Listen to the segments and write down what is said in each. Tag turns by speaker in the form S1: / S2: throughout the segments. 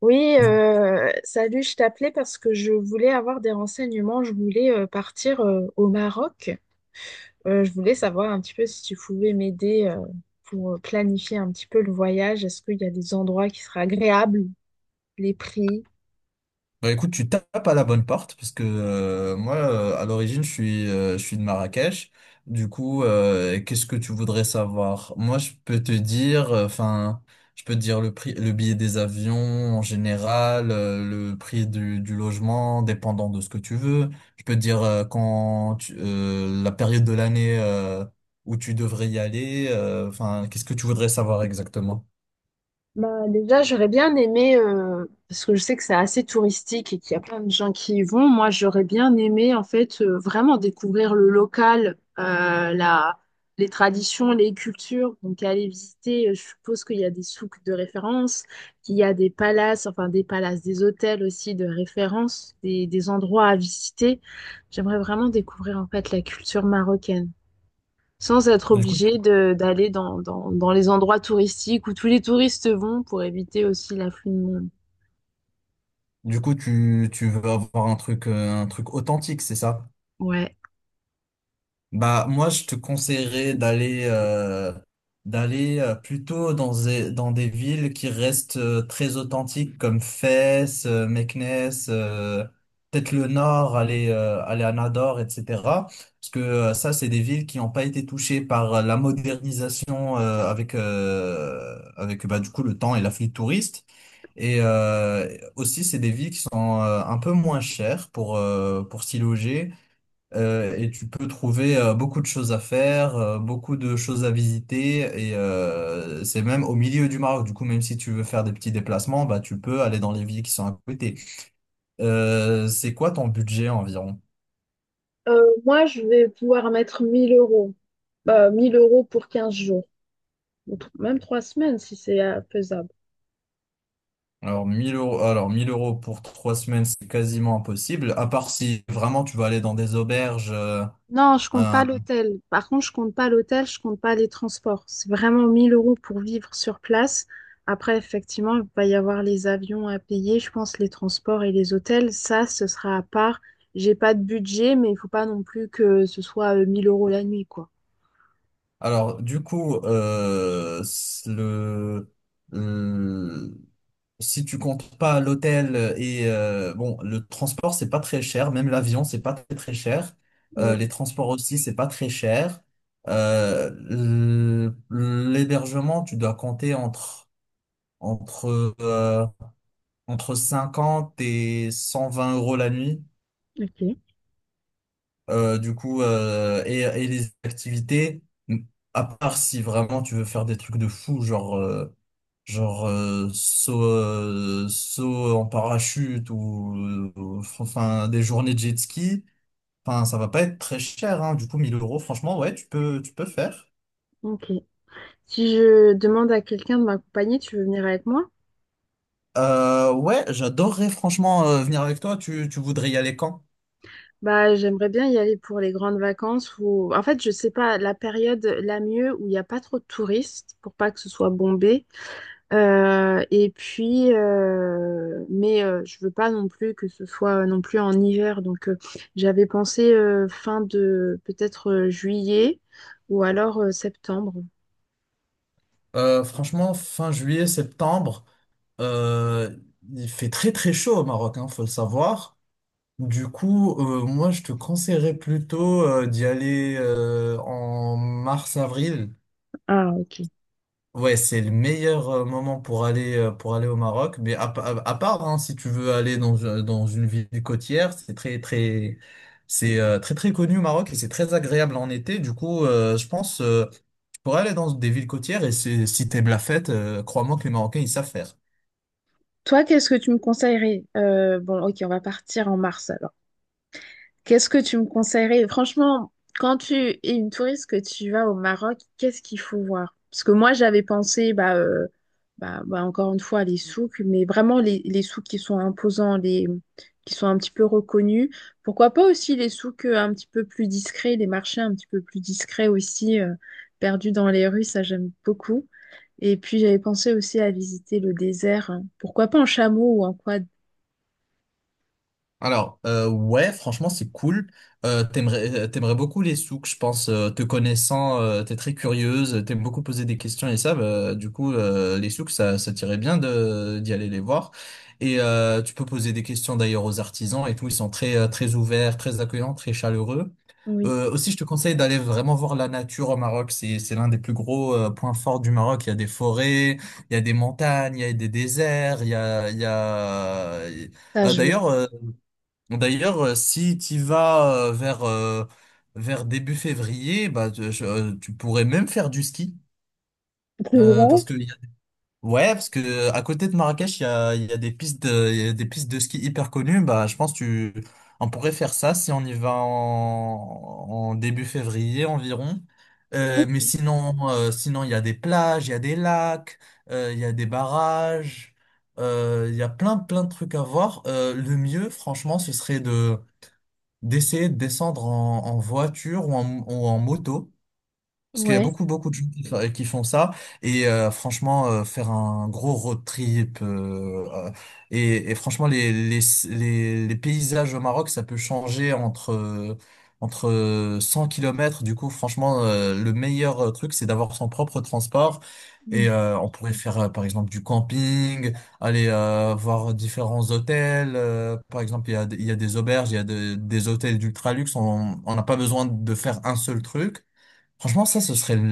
S1: Oui,
S2: Du coup,
S1: salut, je t'appelais parce que je voulais avoir des renseignements. Je voulais partir au Maroc. Je voulais savoir un petit peu si tu pouvais m'aider pour planifier un petit peu le voyage. Est-ce qu'il y a des endroits qui seraient agréables, les prix?
S2: Bah écoute, tu tapes à la bonne porte parce que moi, à l'origine, je suis de Marrakech. Du coup, qu'est-ce que tu voudrais savoir? Moi, je peux te dire, enfin, je peux te dire le prix, le billet des avions en général, le prix du logement, dépendant de ce que tu veux. Je peux te dire la période de l'année où tu devrais y aller. Enfin, qu'est-ce que tu voudrais savoir exactement?
S1: Bah, déjà, j'aurais bien aimé, parce que je sais que c'est assez touristique et qu'il y a plein de gens qui y vont, moi j'aurais bien aimé en fait vraiment découvrir le local, les traditions, les cultures. Donc aller visiter, je suppose qu'il y a des souks de référence, qu'il y a des palaces, enfin des palaces, des hôtels aussi de référence, des endroits à visiter. J'aimerais vraiment découvrir en fait la culture marocaine sans être obligé d'aller dans les endroits touristiques où tous les touristes vont pour éviter aussi l'afflux de monde.
S2: Du coup, tu veux avoir un truc authentique, c'est ça?
S1: Ouais.
S2: Bah, moi, je te conseillerais d'aller plutôt dans des villes qui restent très authentiques comme Fès, Meknès, peut-être le Nord, aller à Nador, etc. Parce que ça, c'est des villes qui n'ont pas été touchées par la modernisation avec bah, du coup le temps et l'afflux de touristes. Et euh, Aussi, c'est des villes qui sont un peu moins chères pour s'y loger. Et tu peux trouver beaucoup de choses à faire, beaucoup de choses à visiter, et c'est même au milieu du Maroc. Du coup, même si tu veux faire des petits déplacements, bah, tu peux aller dans les villes qui sont à côté. C'est quoi ton budget environ?
S1: Moi, je vais pouvoir mettre 1000 euros. Bah, 1000 € pour 15 jours. Ou même 3 semaines si c'est faisable.
S2: Alors 1000 euros, alors 1000 euros pour trois semaines, c'est quasiment impossible, à part si vraiment tu vas aller dans des auberges.
S1: Non, je compte
S2: Un-
S1: pas l'hôtel. Par contre, je compte pas l'hôtel, je compte pas les transports. C'est vraiment 1000 € pour vivre sur place. Après, effectivement, il va y avoir les avions à payer, je pense, les transports et les hôtels. Ça, ce sera à part. J'ai pas de budget, mais il faut pas non plus que ce soit 1000 € la nuit, quoi.
S2: Alors du coup, le... Si tu comptes pas l'hôtel et bon, le transport, c'est pas très cher, même l'avion, c'est pas très très cher.
S1: Ouais,
S2: Les transports aussi, c'est pas très cher. Euh, l- L'hébergement, tu dois compter entre euh, entre 50 et 120 euros la nuit.
S1: ok,
S2: Du coup, et les activités, à part si vraiment tu veux faire des trucs de fou, genre saut en parachute enfin des journées de jet ski, enfin ça va pas être très cher hein. Du coup 1000 euros franchement ouais tu peux faire.
S1: ok. Si je demande à quelqu'un de m'accompagner, tu veux venir avec moi?
S2: Ouais j'adorerais franchement venir avec toi. Tu voudrais y aller quand?
S1: Bah, j'aimerais bien y aller pour les grandes vacances ou en fait, je sais pas la période la mieux où il n'y a pas trop de touristes pour pas que ce soit bombé. Et puis, mais je veux pas non plus que ce soit non plus en hiver. Donc, j'avais pensé fin de peut-être juillet ou alors septembre.
S2: Franchement fin juillet septembre euh, il fait très très chaud au Maroc hein, faut le savoir. Du coup moi je te conseillerais plutôt d'y aller en mars avril.
S1: Ah, ok.
S2: Ouais, c'est le meilleur moment pour aller au Maroc. Mais à, pa- à part hein, si tu veux aller dans dans une ville côtière, c'est très très connu au Maroc et c'est très agréable en été. Du coup, je pense tu pourrais aller dans des villes côtières et si t'aimes la fête, crois-moi que les Marocains ils savent faire.
S1: Toi, qu'est-ce que tu me conseillerais? Bon, ok, on va partir en mars alors. Qu'est-ce que tu me conseillerais? Franchement, quand tu es une touriste que tu vas au Maroc, qu'est-ce qu'il faut voir? Parce que moi, j'avais pensé, bah, bah, bah, encore une fois, les souks, mais vraiment les souks qui sont imposants, qui sont un petit peu reconnus. Pourquoi pas aussi les souks un petit peu plus discrets, les marchés un petit peu plus discrets aussi, perdus dans les rues, ça j'aime beaucoup. Et puis, j'avais pensé aussi à visiter le désert. Hein. Pourquoi pas en chameau ou en quad?
S2: Ouais, franchement, c'est cool. T'aimerais beaucoup les souks, je pense. Te connaissant, t'es très curieuse, t'aimes beaucoup poser des questions et ça, bah, du coup, les souks, ça t'irait bien d'y aller les voir. Et tu peux poser des questions d'ailleurs aux artisans et tout. Ils sont très ouverts, très accueillants, très chaleureux.
S1: Oui,
S2: Aussi, je te conseille d'aller vraiment voir la nature au Maroc. C'est l'un des plus gros points forts du Maroc. Il y a des forêts, il y a des montagnes, il y a des déserts,
S1: ça
S2: Euh,
S1: je veux
S2: d'ailleurs,
S1: voir.
S2: euh, D'ailleurs, si tu vas vers début février, bah, tu pourrais même faire du ski.
S1: C'est
S2: Parce
S1: vrai?
S2: que, y a- Ouais, parce que à côté de Marrakech, il y a des il y a des pistes de ski hyper connues. Bah, je pense que tu, on pourrait faire ça si on y va en début février environ. Euh,
S1: Ok.
S2: mais sinon, euh, sinon, il y a des plages, il y a des lacs, il y a des barrages, il y a plein, plein de trucs à voir. Le mieux, franchement, ce serait de d'essayer de descendre en voiture ou en moto. Parce qu'il y a
S1: Ouais.
S2: beaucoup, beaucoup de gens qui font ça. Et franchement, faire un gros road trip. Et franchement, les paysages au Maroc, ça peut changer entre 100 kilomètres. Du coup, franchement, le meilleur truc, c'est d'avoir son propre transport. Et
S1: Mm.
S2: on pourrait faire, par exemple, du camping, aller voir différents hôtels. Par exemple, il y a des auberges, il y a de- des hôtels d'ultra luxe. On n'a pas besoin de faire un seul truc. Franchement, ça ce serait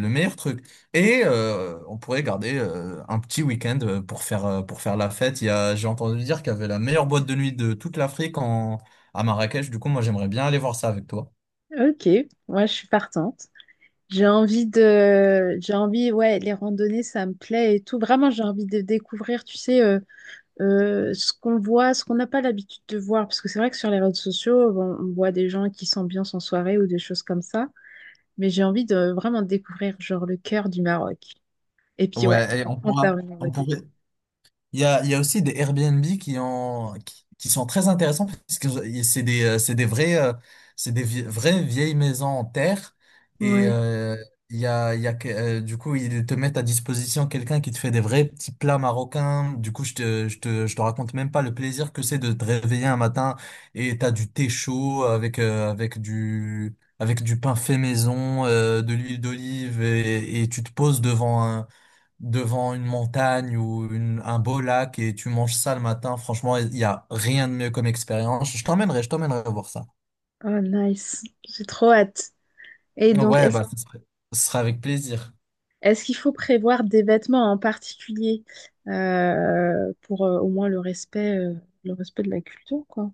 S2: le meilleur truc. Et on pourrait garder un petit week-end pour faire la fête. Il y a, j'ai entendu dire qu'il y avait la meilleure boîte de nuit de toute l'Afrique à Marrakech. Du coup, moi, j'aimerais bien aller voir ça avec toi.
S1: Ok, moi je suis partante. J'ai envie, ouais, les randonnées, ça me plaît et tout. Vraiment, j'ai envie de découvrir, tu sais, ce qu'on voit, ce qu'on n'a pas l'habitude de voir. Parce que c'est vrai que sur les réseaux sociaux, on voit des gens qui s'ambiancent en soirée ou des choses comme ça. Mais j'ai envie de vraiment découvrir, genre, le cœur du Maroc. Et puis, ouais,
S2: Ouais, et
S1: après,
S2: On
S1: on
S2: pourra,
S1: termine en
S2: on
S1: beauté.
S2: pourrait, il y a aussi des Airbnb qui sont très intéressants parce que c'est des c'est des vrais, vraies vieilles maisons en terre et
S1: Ouais,
S2: il y a, que- du coup ils te mettent à disposition quelqu'un qui te fait des vrais petits plats marocains. Du coup je te raconte même pas le plaisir que c'est de te réveiller un matin et t'as du thé chaud avec du pain fait maison, de l'huile d'olive et tu te poses devant une montagne ou un beau lac et tu manges ça le matin, franchement, il n'y a rien de mieux comme expérience. Je t'emmènerai voir ça.
S1: oh, nice. J'ai trop hâte. Et donc,
S2: Ouais,
S1: est-ce
S2: bah, ce serait, Ce serait avec plaisir.
S1: Est-ce qu'il faut prévoir des vêtements en particulier pour au moins le respect de la culture, quoi?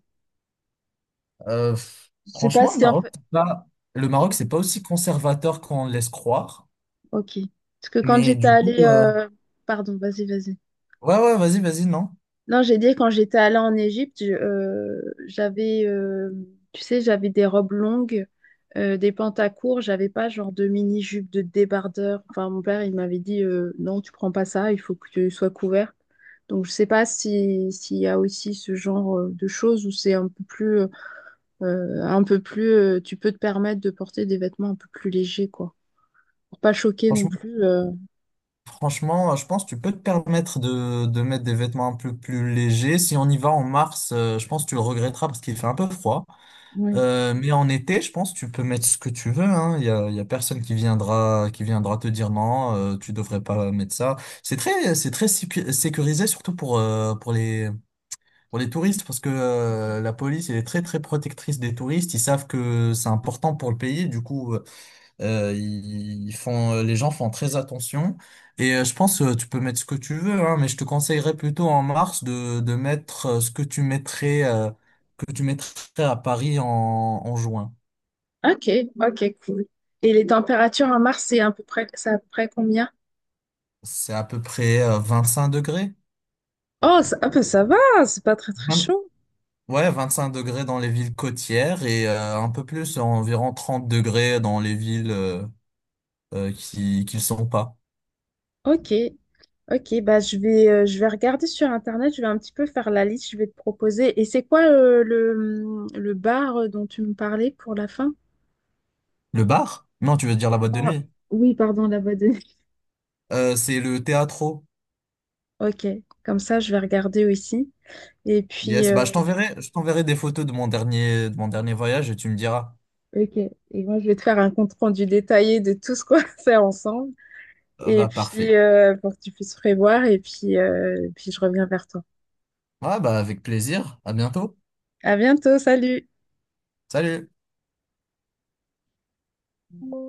S2: Euh, f-
S1: Je sais pas
S2: Franchement,
S1: si en fait.
S2: Le Maroc,
S1: Ouais,
S2: c'est pas aussi conservateur qu'on le laisse croire.
S1: ok. Parce que quand
S2: Mais
S1: j'étais
S2: du coup,
S1: allée, pardon, vas-y, vas-y.
S2: ouais, ouais, vas-y, vas-y, non.
S1: Non, j'ai dit quand j'étais allée en Égypte, j'avais, tu sais, j'avais des robes longues, des pantacourts, j'avais pas genre de mini-jupe, de débardeur. Enfin, mon père, il m'avait dit, non, tu prends pas ça, il faut que tu sois couverte. Donc, je sais pas si, s'il y a aussi ce genre de choses où c'est un peu plus, tu peux te permettre de porter des vêtements un peu plus légers, quoi. Pour pas choquer non
S2: Franchement,
S1: plus.
S2: Franchement, je pense que tu peux te permettre de mettre des vêtements un peu plus légers. Si on y va en mars, je pense que tu le regretteras parce qu'il fait un peu froid.
S1: Oui.
S2: Mais en été, je pense, tu peux mettre ce que tu veux, hein. Il y a personne qui viendra te dire non, tu devrais pas mettre ça. C'est très sécurisé, surtout pour les touristes, parce que, la police, elle est très, très protectrice des touristes. Ils savent que c'est important pour le pays. Du coup, les gens font très attention. Et je pense, tu peux mettre ce que tu veux, hein, mais je te conseillerais plutôt en mars de mettre ce que tu mettrais à Paris en juin.
S1: Ok, ok, cool. Et les températures à Mars, c'est à peu près combien?
S2: C'est à peu près 25 degrés.
S1: Oh, ça, ah, bah, ça va, c'est pas très très
S2: Vingt-
S1: chaud.
S2: ouais, 25 degrés dans les villes côtières et un peu plus, environ 30 degrés dans les villes qui qui le sont pas.
S1: Ok, ok, bah je vais regarder sur internet, je vais un petit peu faire la liste, je vais te proposer. Et c'est quoi le, le bar dont tu me parlais pour la fin?
S2: Le bar? Non, tu veux dire la boîte de
S1: Ah,
S2: nuit.
S1: oui, pardon, la boîte de nuit.
S2: C'est le théâtre.
S1: Ok, comme ça je vais regarder aussi. Et puis,
S2: Yes, bah je t'enverrai, je t'enverrai des photos de mon dernier voyage et tu me diras.
S1: ok, et moi je vais te faire un compte rendu détaillé de tout ce qu'on va faire ensemble.
S2: Ah,
S1: Et
S2: bah parfait.
S1: puis, pour que tu puisses prévoir, et puis, puis je reviens vers toi.
S2: Ouais, bah avec plaisir. À bientôt.
S1: À bientôt, salut!
S2: Salut.